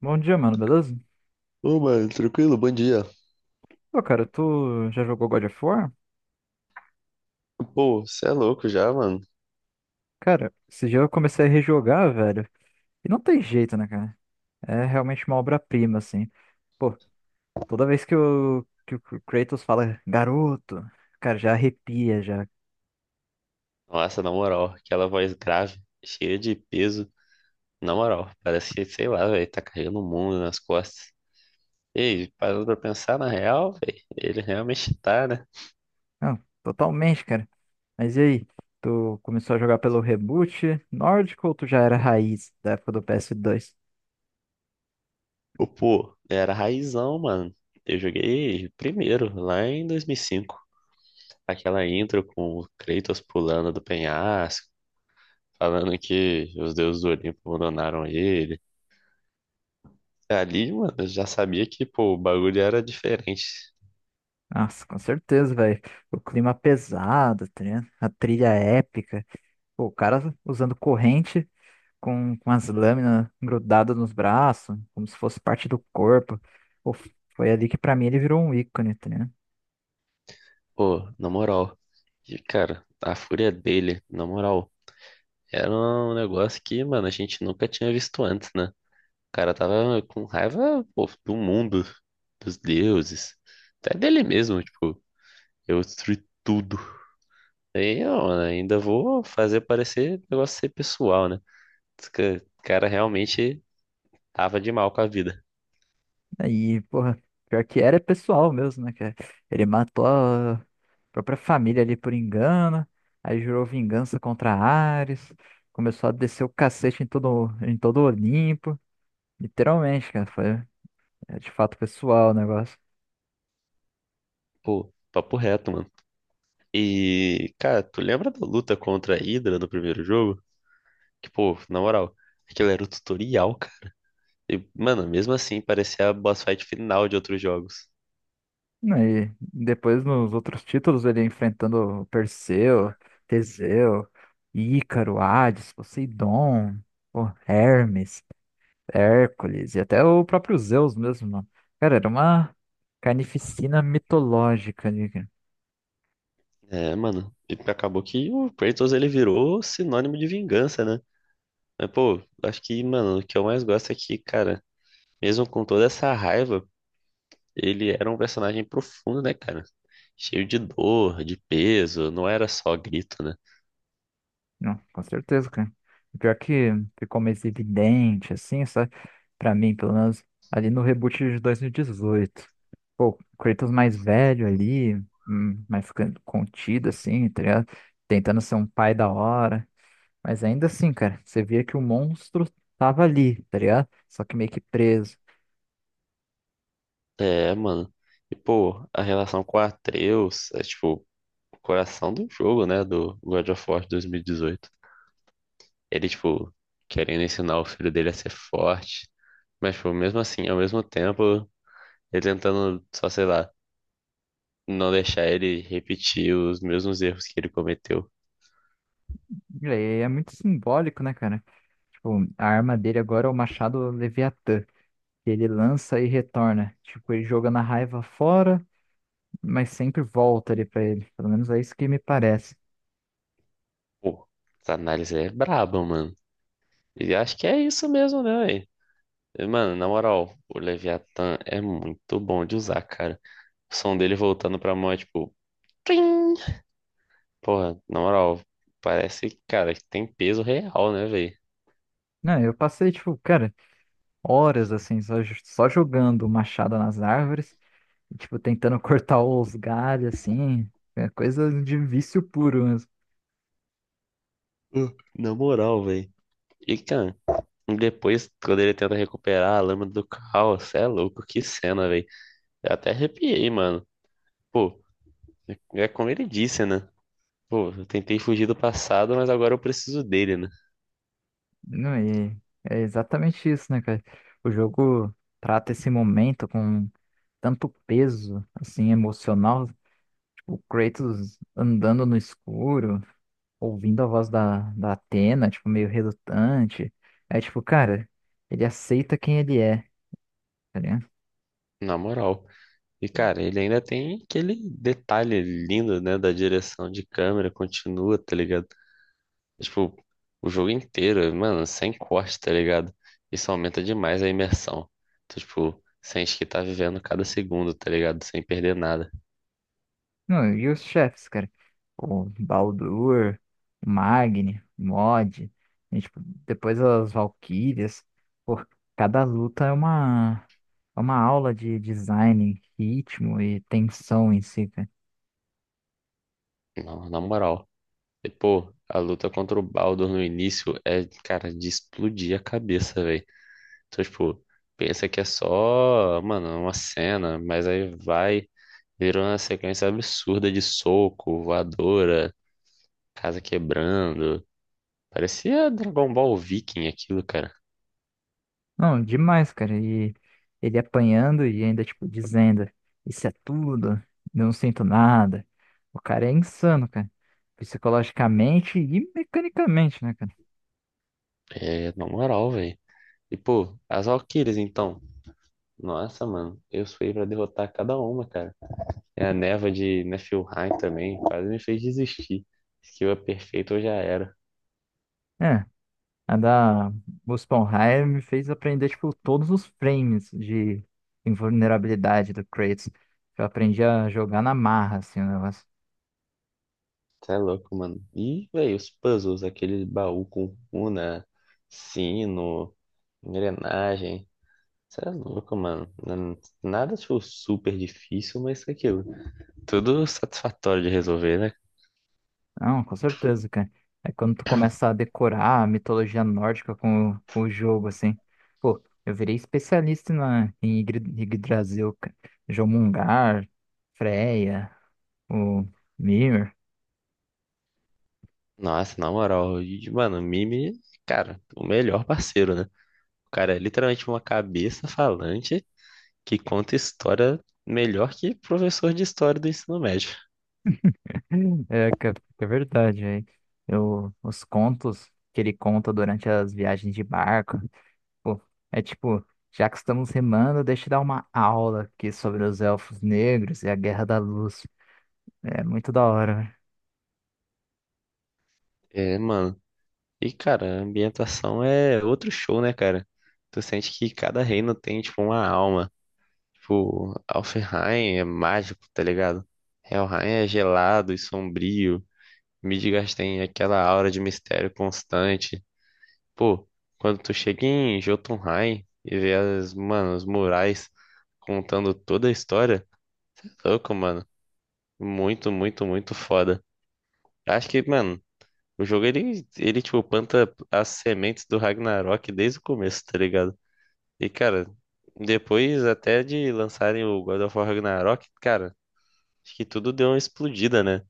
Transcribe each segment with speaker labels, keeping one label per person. Speaker 1: Bom dia, mano, beleza?
Speaker 2: Ô, mano, tranquilo? Bom dia.
Speaker 1: Pô, cara, tu já jogou God of War?
Speaker 2: Pô, você é louco já, mano?
Speaker 1: Cara, esse dia eu comecei a rejogar, velho. E não tem jeito, né, cara? É realmente uma obra-prima, assim. Pô, toda vez que o Kratos fala garoto, cara, já arrepia, já.
Speaker 2: Nossa, na moral, aquela voz grave, cheia de peso. Na moral, parece que, sei lá, velho, tá carregando o mundo nas costas. Ei, parando pra pensar, na real, velho, ele realmente tá, né?
Speaker 1: Não, totalmente, cara. Mas e aí? Tu começou a jogar pelo reboot nórdico ou tu já era raiz da época do PS2?
Speaker 2: Ô, pô, era raizão, mano. Eu joguei primeiro, lá em 2005. Aquela intro com o Kratos pulando do penhasco, falando que os deuses do Olimpo abandonaram ele. Ali, mano, eu já sabia que, pô, o bagulho era diferente.
Speaker 1: Nossa, com certeza, velho. O clima pesado, tá ligado? A trilha épica. Pô, o cara usando corrente com as lâminas grudadas nos braços, como se fosse parte do corpo. Pô, foi ali que pra mim ele virou um ícone, tá ligado?
Speaker 2: Pô, na moral. E, cara, a fúria dele, na moral, era um negócio que, mano, a gente nunca tinha visto antes, né? O cara tava com raiva, pô, do mundo, dos deuses, até dele mesmo, tipo, eu destruí tudo. Aí, ó, mano, ainda vou fazer parecer negócio ser pessoal, né? Esse cara realmente tava de mal com a vida.
Speaker 1: Aí, porra, pior que era pessoal mesmo, né? Que ele matou a própria família ali por engano, aí jurou vingança contra Ares, começou a descer o cacete em todo Olimpo. Literalmente, cara, foi de fato pessoal o negócio.
Speaker 2: Pô, papo reto, mano. E, cara, tu lembra da luta contra a Hydra no primeiro jogo? Que, pô, na moral, aquilo era o tutorial, e, mano, mesmo assim, parecia a boss fight final de outros jogos.
Speaker 1: E depois nos outros títulos ele enfrentando Perseu, Teseu, Ícaro, Hades, Poseidon, o Hermes, Hércules e até o próprio Zeus mesmo, mano. Cara, era uma carnificina mitológica ali, cara.
Speaker 2: É, mano, e acabou que o Kratos ele virou sinônimo de vingança, né? Mas, pô, acho que, mano, o que eu mais gosto é que, cara, mesmo com toda essa raiva, ele era um personagem profundo, né, cara? Cheio de dor, de peso, não era só grito, né?
Speaker 1: Não, com certeza, cara. Pior que ficou mais evidente, assim, sabe? Pra mim, pelo menos, ali no reboot de 2018. Pô, o Kratos mais velho ali, mais ficando contido, assim, tá ligado? Tentando ser um pai da hora. Mas ainda assim, cara, você via que o monstro tava ali, tá ligado? Só que meio que preso.
Speaker 2: É, mano. E, pô, a relação com o Atreus é, tipo, o coração do jogo, né, do God of War 2018. Ele, tipo, querendo ensinar o filho dele a ser forte. Mas, tipo, mesmo assim, ao mesmo tempo, ele tentando, só sei lá, não deixar ele repetir os mesmos erros que ele cometeu.
Speaker 1: E aí é muito simbólico, né, cara? Tipo, a arma dele agora é o machado Leviatã, que ele lança e retorna. Tipo, ele joga na raiva fora, mas sempre volta ali pra ele. Pelo menos é isso que me parece.
Speaker 2: Pô, essa análise é braba, mano. E acho que é isso mesmo, né, véi? Mano, na moral, o Leviathan é muito bom de usar, cara. O som dele voltando pra mão é tipo. Trim! Porra, na moral, parece, cara, que tem peso real, né, velho?
Speaker 1: Não, eu passei, tipo, cara, horas assim, só, só jogando machado nas árvores, e, tipo, tentando cortar os galhos, assim, é coisa de vício puro mesmo.
Speaker 2: Na moral, velho. E, cara, depois, quando ele tenta recuperar a lâmina do caos, cê é louco, que cena, velho. Eu até arrepiei, mano. Pô, é como ele disse, né? Pô, eu tentei fugir do passado, mas agora eu preciso dele, né?
Speaker 1: Não, e é exatamente isso, né, cara? O jogo trata esse momento com tanto peso, assim, emocional, tipo, o Kratos andando no escuro, ouvindo a voz da Atena, tipo, meio relutante. É tipo, cara, ele aceita quem ele é, tá ligado?
Speaker 2: Na moral. E, cara, ele ainda tem aquele detalhe lindo, né, da direção de câmera, continua, tá ligado? Tipo, o jogo inteiro, mano, sem corte, tá ligado? Isso aumenta demais a imersão. Tu, tipo, sente que tá vivendo cada segundo, tá ligado? Sem perder nada.
Speaker 1: Não, e os chefes, cara? O Baldur, o Magni, o Mod, e, tipo, depois as Valkyrias. Pô, cada luta é uma aula de design, ritmo e tensão em si, cara.
Speaker 2: Não, na moral. E, pô, a luta contra o Baldur no início é, cara, de explodir a cabeça, velho. Tu, tipo, pensa que é só, mano, uma cena, mas aí vai. Virou uma sequência absurda de soco, voadora, casa quebrando. Parecia Dragon Ball Viking aquilo, cara.
Speaker 1: Não, demais, cara. E ele apanhando e ainda, tipo, dizendo: isso é tudo, não sinto nada. O cara é insano, cara. Psicologicamente e mecanicamente, né, cara?
Speaker 2: É, na moral, velho. E, pô, as Valkyries, então. Nossa, mano. Eu fui pra derrotar cada uma, cara. É a neva de Niflheim também. Quase me fez desistir. Skill é perfeito, eu já era.
Speaker 1: É. A da Muspelheim me fez aprender, tipo, todos os frames de invulnerabilidade do Kratos. Eu aprendi a jogar na marra, assim, o negócio.
Speaker 2: Tá louco, mano. E, velho, os puzzles. Aquele baú com runa, sino, engrenagem. Você é louco, mano. Nada tipo, super difícil, mas isso é tudo satisfatório de resolver, né?
Speaker 1: Não, com certeza, cara. É quando tu começa a decorar a mitologia nórdica com o jogo, assim. Pô, eu virei especialista em Yggdrasil, cara. Jomungar, Freya, o Mimir.
Speaker 2: Nossa, na moral, e, mano, o Mimi, cara, o melhor parceiro, né? O cara é literalmente uma cabeça falante que conta história melhor que professor de história do ensino médio.
Speaker 1: É, cara, é verdade, aí. Eu, os contos que ele conta durante as viagens de barco. Pô, é tipo, já que estamos remando, deixa eu dar uma aula aqui sobre os elfos negros e a Guerra da Luz. É muito da hora, né?
Speaker 2: É, mano. E, cara, a ambientação é outro show, né, cara? Tu sente que cada reino tem, tipo, uma alma. Tipo, Alfheim é mágico, tá ligado? Helheim é gelado e sombrio. Midgard tem aquela aura de mistério constante. Pô, quando tu chega em Jotunheim e vê as, mano, os murais contando toda a história, cê é louco, mano. Muito, muito, muito foda. Acho que, mano, o jogo ele tipo planta as sementes do Ragnarok desde o começo, tá ligado? E, cara, depois até de lançarem o God of War Ragnarok, cara, acho que tudo deu uma explodida, né?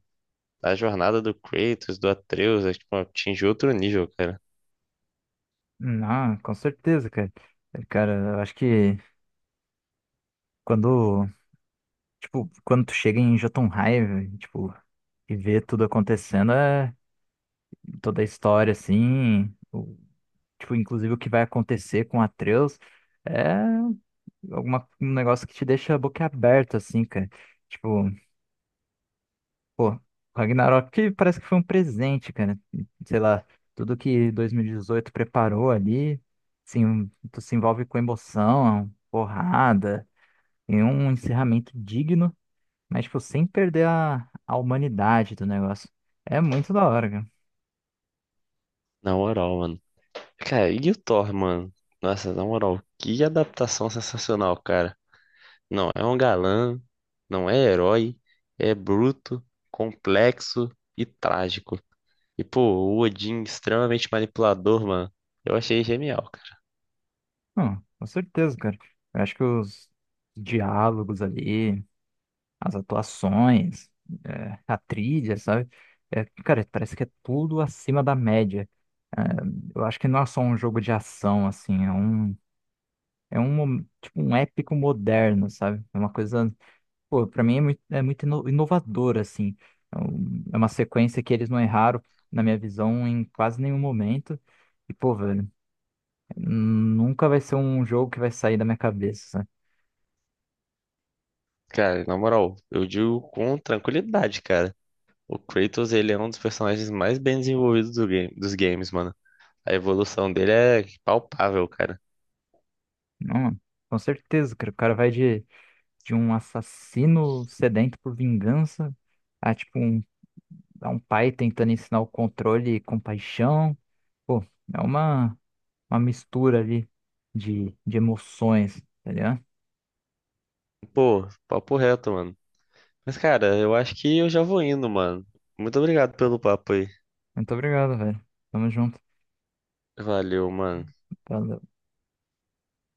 Speaker 2: A jornada do Kratos, do Atreus, é, tipo, atingiu outro nível, cara.
Speaker 1: Não, com certeza, cara. É, cara, eu acho que quando, tipo, quando tu chega em Jotunheim, tipo, e vê tudo acontecendo, é toda a história, assim, tipo, inclusive o que vai acontecer com Atreus, é alguma, um negócio que te deixa a boca aberta, assim, cara. Tipo, pô, Ragnarok que parece que foi um presente, cara. Sei lá, tudo que 2018 preparou ali, sim, tu se envolve com emoção, porrada, e um encerramento digno, mas tipo, sem perder a humanidade do negócio. É muito da hora, cara.
Speaker 2: Na moral, mano. Cara, e o Thor, mano? Nossa, na moral, que adaptação sensacional, cara. Não é um galã, não é herói, é bruto, complexo e trágico. E, pô, o Odin extremamente manipulador, mano. Eu achei genial, cara.
Speaker 1: Não, com certeza, cara. Eu acho que os diálogos ali, as atuações, é, a trilha, sabe? É, cara, parece que é tudo acima da média. É, eu acho que não é só um jogo de ação, assim, é um, tipo, um épico moderno, sabe? É uma coisa, pô, pra mim é muito inovador, assim. É uma sequência que eles não erraram, na minha visão, em quase nenhum momento. E, pô, velho, nunca vai ser um jogo que vai sair da minha cabeça, sabe?
Speaker 2: Cara, na moral, eu digo com tranquilidade, cara. O Kratos, ele é um dos personagens mais bem desenvolvidos do game, dos games, mano. A evolução dele é palpável, cara.
Speaker 1: Não, com certeza, cara, o cara vai de um assassino sedento por vingança a, tipo, um, a um pai tentando ensinar o controle e compaixão. Pô, é uma mistura ali de emoções, tá ligado?
Speaker 2: Pô, papo reto, mano. Mas, cara, eu acho que eu já vou indo, mano. Muito obrigado pelo papo aí.
Speaker 1: Muito obrigado, velho. Tamo junto.
Speaker 2: Valeu, mano.
Speaker 1: Valeu.